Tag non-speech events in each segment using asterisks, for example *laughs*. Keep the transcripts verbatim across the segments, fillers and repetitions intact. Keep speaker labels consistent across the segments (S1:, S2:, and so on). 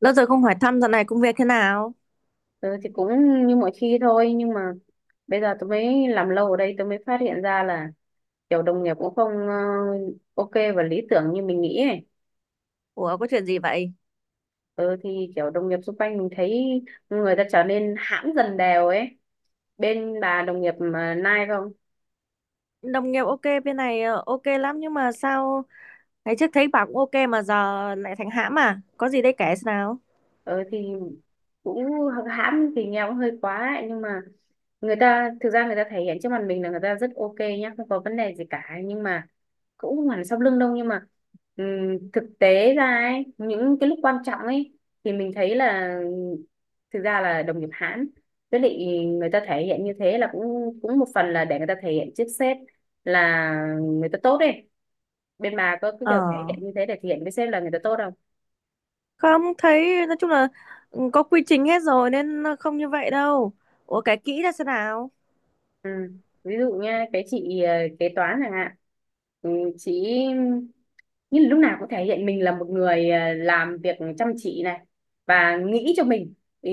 S1: Lâu rồi không hỏi thăm dạo này công việc thế nào?
S2: Tớ thì cũng như mọi khi thôi, nhưng mà bây giờ tôi mới làm lâu ở đây tôi mới phát hiện ra là kiểu đồng nghiệp cũng không ờ, ok và lý tưởng như mình nghĩ ấy.
S1: Ủa có chuyện gì vậy?
S2: Ừ thì kiểu đồng nghiệp xung quanh mình thấy người ta trở nên hãm dần đều ấy. Bên bà đồng nghiệp mà Nai không?
S1: Đồng nghiệp ok bên này ờ, ok lắm nhưng mà sao ngày trước thấy bảo cũng ok mà giờ lại thành hãm à? Có gì đây kể xem nào?
S2: Ừ thì cũng hãm thì nghe cũng hơi quá ấy. Nhưng mà người ta thực ra người ta thể hiện trước mặt mình là người ta rất ok nhá, không có vấn đề gì cả, nhưng mà cũng không hẳn là sau lưng đâu, nhưng mà ừm, thực tế ra ấy, những cái lúc quan trọng ấy thì mình thấy là thực ra là đồng nghiệp Hãn, với lại người ta thể hiện như thế là cũng cũng một phần là để người ta thể hiện trước sếp là người ta tốt ấy. Bên bà có cái
S1: Ờ,
S2: kiểu thể hiện như thế để thể hiện với sếp là người ta tốt không?
S1: không thấy nói chung là ừ, có quy trình hết rồi nên nó không như vậy đâu. Ủa kể kỹ ra xem nào?
S2: Ừ. Ví dụ nha, cái chị ờ, kế toán chẳng hạn, ừ, chị như là lúc nào cũng thể hiện mình là một người ờ, làm việc chăm chỉ này, và nghĩ cho mình, ừ,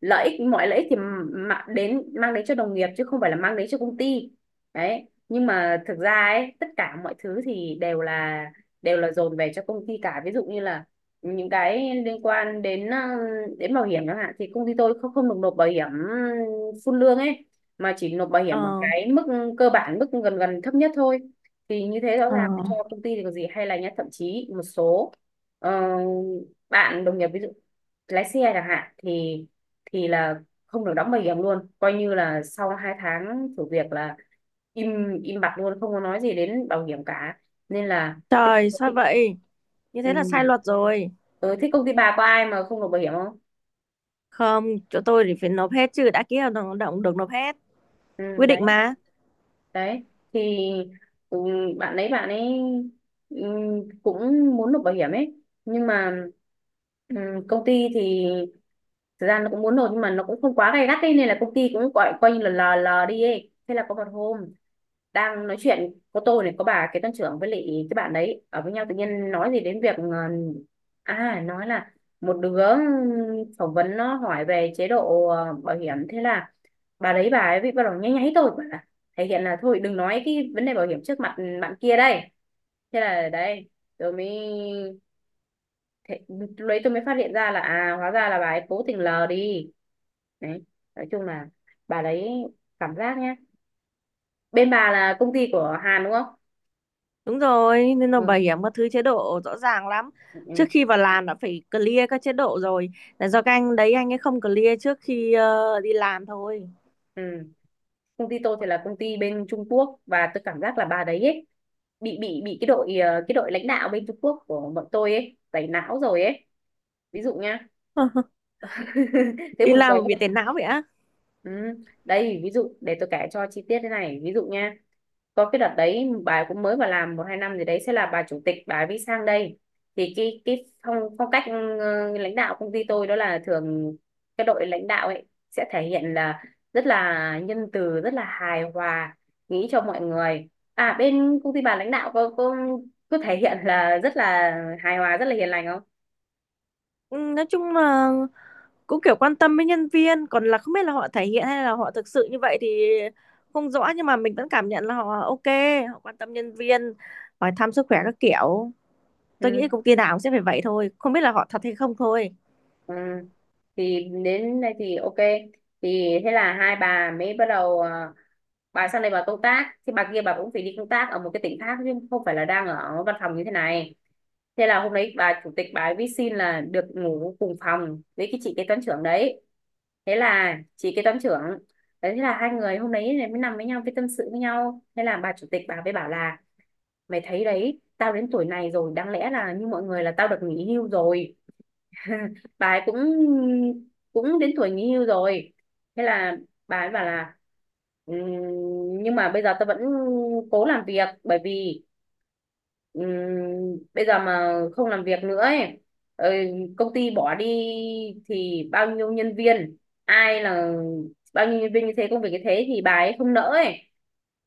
S2: lợi ích mọi lợi ích thì mà đến mang đến cho đồng nghiệp chứ không phải là mang đến cho công ty. Đấy, nhưng mà thực ra ấy tất cả mọi thứ thì đều là đều là dồn về cho công ty cả. Ví dụ như là những cái liên quan đến ờ, đến bảo hiểm chẳng hạn thì công ty tôi không không được nộp bảo hiểm ừ, full lương ấy, mà chỉ nộp bảo hiểm ở
S1: Ờ.
S2: cái mức cơ bản, mức gần gần thấp nhất thôi. Thì như thế rõ
S1: Ờ.
S2: ràng cho công ty thì có gì hay, là nhá, thậm chí một số ờ, bạn đồng nghiệp, ví dụ lái xe chẳng hạn, thì thì là không được đóng bảo hiểm luôn, coi như là sau hai tháng thử việc là im im bặt luôn, không có nói gì đến bảo hiểm cả. Nên là cái-
S1: Trời sao vậy? Như thế là
S2: ừ.
S1: sai luật rồi.
S2: Ừ, thế công ty bà có ai mà không nộp bảo hiểm không?
S1: Không, chỗ tôi thì phải nộp hết chứ đã ký hợp đồng lao động được nộp hết.
S2: Ừ,
S1: Quy
S2: đấy.
S1: định mà.
S2: Đấy thì ừ, bạn ấy bạn ấy ừ, cũng muốn nộp bảo hiểm ấy, nhưng mà ừ, công ty thì thực ra nó cũng muốn nộp, nhưng mà nó cũng không quá gay gắt ấy, nên là công ty cũng gọi coi như là lờ lờ đi ấy. Thế là có một hôm đang nói chuyện có tôi này, có bà kế toán trưởng với lại cái bạn đấy ở với nhau, tự nhiên nói gì đến việc ờ, à, nói là một đứa phỏng vấn nó hỏi về chế độ ờ, bảo hiểm. Thế là bà đấy bà ấy bị bắt đầu nháy nháy tôi, thể hiện là thôi đừng nói cái vấn đề bảo hiểm trước mặt bạn kia đây. Thế là đấy, tôi mới thế, lúc tôi mới phát hiện ra là à, hóa ra là bà ấy cố tình lờ đi. Đấy, nói chung là bà đấy, cảm giác nhá. Bên bà là công ty của Hàn đúng không?
S1: Đúng rồi, nên là
S2: Ừ,
S1: bảo hiểm các thứ chế độ rõ ràng lắm.
S2: ừ,
S1: Trước
S2: ừ.
S1: khi vào làm đã phải clear các chế độ rồi. Là do các anh đấy anh ấy không clear trước khi ờ, đi làm thôi.
S2: Ừ. Công ty tôi thì là công ty bên Trung Quốc, và tôi cảm giác là bà đấy ấy, bị bị bị cái đội ờ, cái đội lãnh đạo bên Trung Quốc của bọn tôi ấy tẩy não rồi ấy. Ví dụ nhá. *laughs* Thế
S1: Đi
S2: buồn cười
S1: làm bị
S2: không?
S1: tiền não vậy á.
S2: Ừ. Đây ví dụ để tôi kể cho chi tiết thế này. Ví dụ nha, có cái đợt đấy bà cũng mới vào làm một hai năm gì đấy, sẽ là bà chủ tịch bà mới sang đây. Thì cái cái phong phong cách ừ, lãnh đạo công ty tôi đó là thường cái đội lãnh đạo ấy sẽ thể hiện là rất là nhân từ, rất là hài hòa, nghĩ cho mọi người. À, bên công ty bà lãnh đạo có có có thể hiện là rất là hài hòa, rất là hiền lành không?
S1: Ừ, nói chung là cũng kiểu quan tâm với nhân viên, còn là không biết là họ thể hiện hay là họ thực sự như vậy thì không rõ, nhưng mà mình vẫn cảm nhận là họ ok, họ quan tâm nhân viên, hỏi thăm sức khỏe các kiểu. Tôi nghĩ
S2: Ừ.
S1: công ty nào cũng sẽ phải vậy thôi, không biết là họ thật hay không thôi.
S2: Ừ. Thì đến đây thì ok. Thì thế là hai bà mới bắt đầu à, bà sang đây bà công tác, thì bà kia bà cũng phải đi công tác ở một cái tỉnh khác chứ không phải là đang ở văn phòng như thế này. Thế là hôm đấy bà chủ tịch bà ấy viết xin là được ngủ cùng phòng với cái chị kế toán trưởng đấy. Thế là chị kế toán trưởng đấy, thế là hai người hôm đấy này mới nằm với nhau cái tâm sự với nhau. Thế là bà chủ tịch bà mới bảo là mày thấy đấy, tao đến tuổi này rồi đáng lẽ là như mọi người là tao được nghỉ hưu rồi. *laughs* Bà ấy cũng cũng đến tuổi nghỉ hưu rồi. Thế là bà ấy bảo là "Ừm, nhưng mà bây giờ tôi vẫn cố làm việc, bởi vì ừm, bây giờ mà không làm việc nữa ấy, ờ, công ty bỏ đi thì bao nhiêu nhân viên, ai là bao nhiêu nhân viên như thế, công việc như thế, thì bà ấy không nỡ ấy.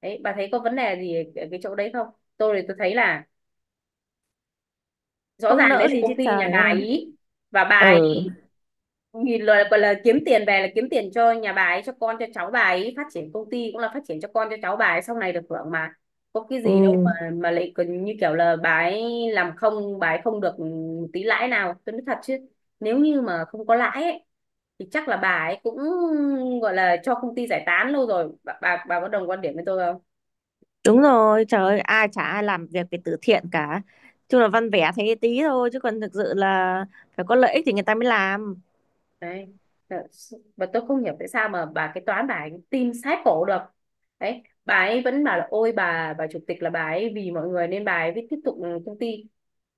S2: Đấy, bà thấy có vấn đề gì ở cái chỗ đấy không? Tôi thì tôi thấy là rõ
S1: Không
S2: ràng đấy
S1: nỡ
S2: là
S1: gì
S2: công
S1: chứ
S2: ty nhà
S1: trời
S2: bà
S1: ơi.
S2: ấy, và bà
S1: Ừ.
S2: ấy nhìn lời là, gọi là kiếm tiền về là kiếm tiền cho nhà bà ấy, cho con cho cháu bà ấy, phát triển công ty cũng là phát triển cho con cho cháu bà ấy sau này được hưởng mà. Có cái
S1: Ừ.
S2: gì đâu mà mà lại còn như kiểu là bà ấy làm không bà ấy không được tí lãi nào. Tôi nói thật chứ, nếu như mà không có lãi ấy, thì chắc là bà ấy cũng gọi là cho công ty giải tán lâu rồi. Bà bà, bà có đồng quan điểm với tôi không?
S1: Đúng rồi, trời ơi, ai chả ai làm việc về từ thiện cả. Chung là văn vẻ thế tí thôi, chứ còn thực sự là phải có lợi ích thì người ta mới làm.
S2: Đấy. Thật sự- và tôi không hiểu tại sao mà bà cái toán bà ấy tin sát cổ được. Đấy, bà ấy vẫn bảo là ôi bà bà chủ tịch là bà ấy vì mọi người nên bà ấy mới tiếp tục công ty.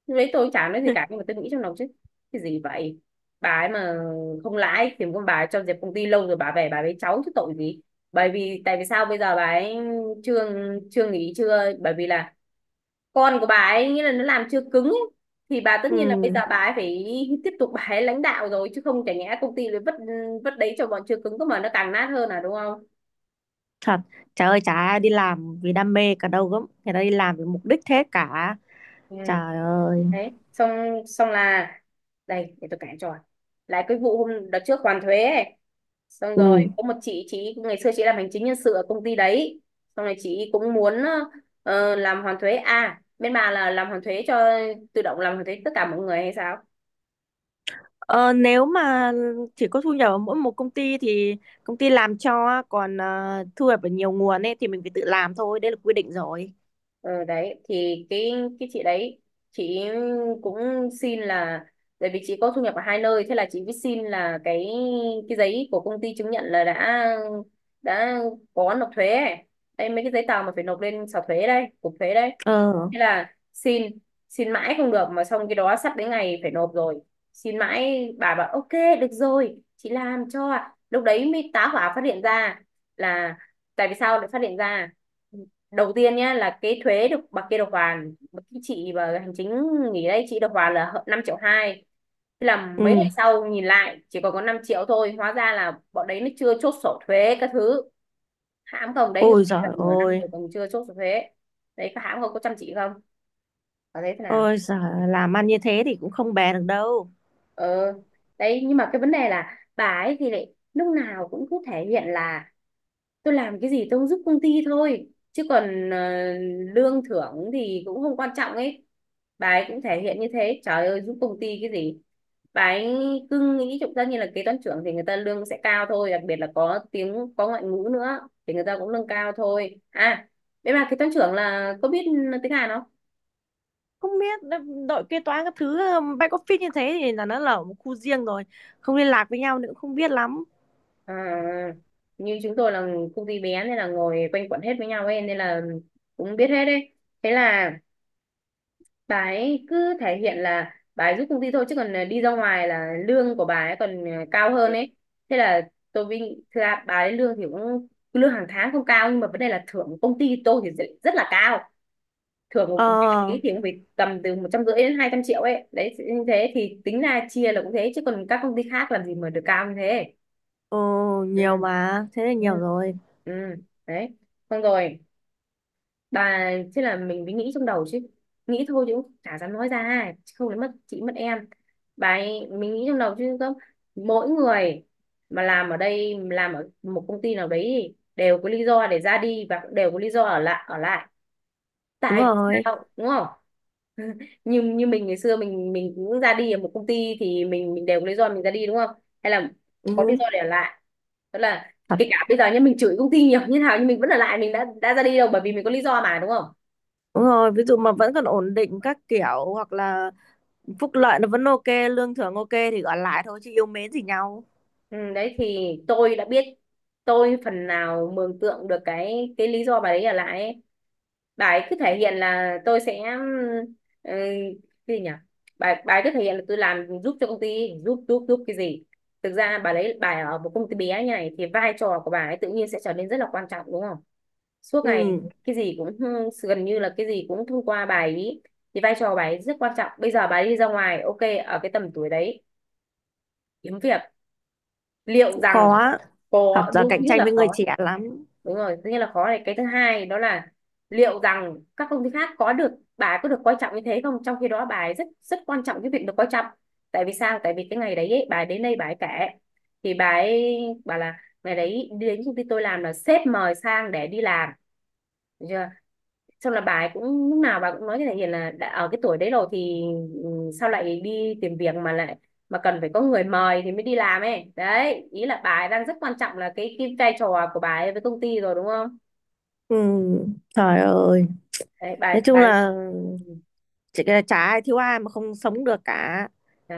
S2: Lúc đấy tôi chả nói gì cả,
S1: *laughs*
S2: nhưng mà tôi nghĩ trong lòng chứ cái gì vậy, bà ấy mà không lãi thì con bà ấy cho dẹp công ty lâu rồi, bà về bà với cháu chứ tội gì. Bởi vì tại vì sao bây giờ bà ấy chưa chưa nghỉ, chưa bởi vì là con của bà ấy nghĩa là nó làm chưa cứng ấy. Thì bà tất
S1: Ừ,
S2: nhiên là bây giờ bà ấy phải tiếp tục bà ấy lãnh đạo rồi chứ, không chả nhẽ công ty lại vất vất đấy cho bọn chưa cứng cơ mà nó càng nát hơn à, đúng không?
S1: thật. Trời ơi, chả ai đi làm vì đam mê cả đâu gớm. Người ta đi làm vì mục đích thế cả.
S2: Ừ.
S1: Trời ơi.
S2: Đấy, xong xong là đây để tôi kể cho lại cái vụ hôm đợt trước hoàn thuế ấy. Xong rồi
S1: Ừ.
S2: có một chị chị ngày xưa chị làm hành chính nhân sự ở công ty đấy. Xong rồi chị cũng muốn ờ, làm hoàn thuế. À, bên bà là làm hoàn thuế cho tự động làm hoàn thuế tất cả mọi người hay sao?
S1: Ờ, nếu mà chỉ có thu nhập ở mỗi một công ty thì công ty làm cho, còn ờ, thu nhập ở nhiều nguồn ấy thì mình phải tự làm thôi, đấy là quy định rồi.
S2: Ờ đấy thì cái cái chị đấy, chị cũng xin là tại vì chị có thu nhập ở hai nơi, thế là chị mới xin là cái cái giấy của công ty chứng nhận là đã đã có nộp thuế ấy. Đây mấy cái giấy tờ mà phải nộp lên sở thuế đây, cục thuế đây.
S1: Ờ,
S2: Thế là xin xin mãi không được, mà xong cái đó sắp đến ngày phải nộp rồi. Xin mãi bà bảo ok được rồi, chị làm cho. Ạ." Lúc đấy mới tá hỏa phát hiện ra là, tại vì sao lại phát hiện ra đầu tiên nhé, là cái thuế được bà kia được hoàn bà- cái chị và hành chính nghỉ đây, chị được hoàn là năm triệu hai. Thế là mấy
S1: ừ.
S2: ngày sau nhìn lại chỉ còn có năm triệu thôi, hóa ra là bọn đấy nó chưa chốt sổ thuế các thứ. Hãm không? Đấy, người ta
S1: Ôi
S2: đi gần
S1: giời
S2: nửa năm
S1: ơi.
S2: rồi còn chưa chốt sổ thuế. Đấy, có hãm không, có chăm chỉ không, có thấy thế nào?
S1: Ôi giời, làm ăn như thế thì cũng không bè được đâu.
S2: ờ Đấy nhưng mà cái vấn đề là bà ấy thì lại lúc nào cũng cứ thể hiện là tôi làm cái gì tôi cũng giúp công ty thôi, chứ còn ờ, lương thưởng thì cũng không quan trọng ấy. Bà ấy cũng thể hiện như thế, trời ơi giúp công ty cái gì. Bà ấy cứ nghĩ chúng ta như là kế toán trưởng thì người ta lương sẽ cao thôi, đặc biệt là có tiếng, có ngoại ngữ nữa thì người ta cũng lương cao thôi à. Đấy, bà kế toán trưởng là có biết tiếng Hàn không?
S1: Không biết đội kế toán các thứ um, back office như thế thì là nó là một khu riêng rồi. Không liên lạc với nhau nữa cũng không biết lắm.
S2: À, như chúng tôi là công ty bé nên là ngồi quanh quẩn hết với nhau ấy, nên là cũng biết hết đấy. Thế là bà ấy cứ thể hiện là bà ấy giúp công ty thôi, chứ còn ờ, đi ra ngoài là lương của bà ấy còn ờ, cao hơn ấy. Thế là tôi vinh, thực ra bà ấy lương thì cũng, lương hàng tháng không cao, nhưng mà vấn đề là thưởng của công ty tôi thì rất, rất là cao. Thưởng của bà
S1: Ờ,
S2: ấy thì cũng phải tầm từ một trăm rưỡi đến hai trăm triệu ấy. Đấy, như thế thì tính ra chia là cũng thế, chứ còn các công ty khác làm gì mà được cao như thế.
S1: ờ,
S2: Ừ,
S1: nhiều mà. Thế là
S2: ừ,
S1: nhiều rồi.
S2: ừ, đấy xong rồi, bà, thế là mình mới nghĩ trong đầu chứ, nghĩ thôi chứ cũng chả dám nói ra ai, chứ không đến mất chị mất em. Bà ấy, mình nghĩ trong đầu chứ không, mỗi người mà làm ở đây, làm ở một công ty nào đấy thì đều có lý do để ra đi, và cũng đều có lý do ở lại ở lại,
S1: Đúng
S2: tại vì
S1: rồi.
S2: sao, đúng không? *laughs* như như mình ngày xưa, mình mình cũng ra đi ở một công ty thì mình mình đều có lý do mình ra đi, đúng không? Hay là có lý
S1: Ừ.
S2: do để ở lại. Tức là
S1: Thật.
S2: kể cả bây giờ nhá, mình chửi công ty nhiều như nào nhưng mình vẫn ở lại, mình đã đã ra đi đâu, bởi vì mình có lý do mà, đúng không?
S1: Đúng rồi, ví dụ mà vẫn còn ổn định các kiểu hoặc là phúc lợi nó vẫn ok, lương thưởng ok thì gọi lại thôi chứ yêu mến gì nhau.
S2: Ừ, đấy thì tôi đã biết, tôi phần nào mường tượng được cái cái lý do bà ấy ở lại ấy. Bà ấy cứ thể hiện là tôi sẽ, ừ, cái gì nhỉ, bà, bà ấy cứ thể hiện là tôi làm giúp cho công ty, giúp giúp giúp cái gì. Thực ra bà ấy bà ấy ở một công ty bé như này thì vai trò của bà ấy tự nhiên sẽ trở nên rất là quan trọng, đúng không? Suốt ngày
S1: Ừ,
S2: cái gì cũng, gần như là cái gì cũng thông qua bà ấy, thì vai trò của bà ấy rất quan trọng. Bây giờ bà ấy đi ra ngoài, ok, ở cái tầm tuổi đấy, kiếm việc, liệu
S1: cũng
S2: rằng
S1: khó. Thật
S2: có
S1: ra
S2: đúng, thứ
S1: cạnh
S2: nhất
S1: tranh
S2: là
S1: với người
S2: khó.
S1: trẻ lắm.
S2: Đúng rồi, nghĩa là khó này, cái thứ hai đó là liệu rằng các công ty khác có được, bà ấy có được coi trọng như thế không, trong khi đó bà ấy rất rất quan trọng cái việc được coi trọng. Tại vì sao, tại vì cái ngày đấy ấy, bà ấy đến đây bà ấy kể thì bà ấy bảo là ngày đấy đến công ty tôi làm là sếp mời sang để đi làm, được chưa. Xong là bà ấy cũng lúc nào bà cũng nói với thằng Hiền là đã ở cái tuổi đấy rồi thì, ừ, sao lại đi tìm việc mà lại, mà cần phải có người mời thì mới đi làm ấy. Đấy, ý là bà ấy đang rất quan trọng là cái cái vai trò của bà ấy với công ty rồi, đúng không?
S1: Ừ, trời ơi.
S2: Đấy bà ấy-
S1: Nói
S2: bà
S1: chung
S2: ấy-
S1: là
S2: ừ,
S1: chỉ cái là chả ai thiếu ai mà không sống được cả,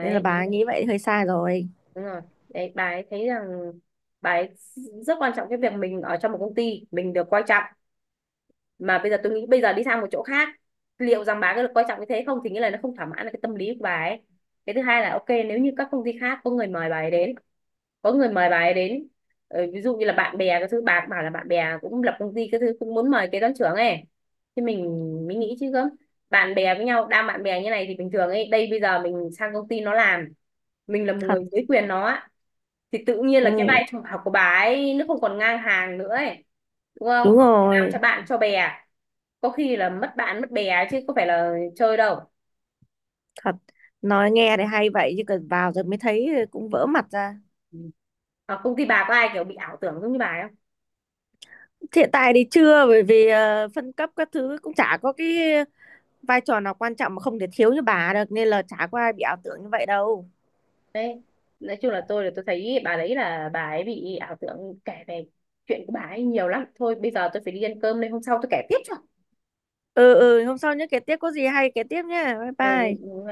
S1: nên là
S2: đúng
S1: bà
S2: rồi,
S1: nghĩ vậy hơi sai rồi.
S2: đúng rồi. Đấy bà ấy thấy rằng bà ấy rất quan trọng cái việc mình ở trong một công ty mình được coi trọng, mà bây giờ tôi nghĩ bây giờ đi sang một chỗ khác, liệu rằng bà có được coi trọng như thế không, thì nghĩa là nó không thỏa mãn được cái tâm lý của bà ấy. Cái thứ hai là ok, nếu như các công ty khác có người mời bà ấy đến, có người mời bà ấy đến. Ờ, ví dụ như là bạn bè, cái thứ bà cũng bảo là bạn bè cũng lập công ty, cái thứ cũng muốn mời kế toán trưởng ấy, thì mình mới nghĩ chứ gớm, bạn bè với nhau đang bạn bè như này thì bình thường ấy, đây bây giờ mình sang công ty nó làm, mình là một người
S1: Thật.
S2: dưới quyền nó á, thì tự nhiên là cái
S1: Ừ,
S2: vai trò của bà ấy nó không còn ngang hàng nữa ấy, đúng không?
S1: đúng
S2: Làm
S1: rồi.
S2: cho bạn cho bè có khi là mất bạn mất bè, chứ có phải là chơi đâu.
S1: Thật, nói nghe thì hay vậy chứ cần vào rồi mới thấy cũng vỡ mặt ra.
S2: Ừ. Ở công ty bà có ai kiểu bị ảo tưởng giống như bà ấy?
S1: Hiện tại thì chưa, bởi vì ờ, phân cấp các thứ cũng chả có cái vai trò nào quan trọng mà không thể thiếu như bà được, nên là chả có ai bị ảo tưởng như vậy đâu.
S2: Đấy, nói chung là, tôi là tôi thấy bà đấy là bà ấy bị ảo tưởng, kể về chuyện của bà ấy nhiều lắm thôi, bây giờ tôi phải đi ăn cơm đây, hôm sau tôi kể tiếp cho.
S1: Ừ. Ừ, hôm sau nhớ kể tiếp, có gì hay kể tiếp nhé, bye
S2: Ừ,
S1: bye.
S2: ừ,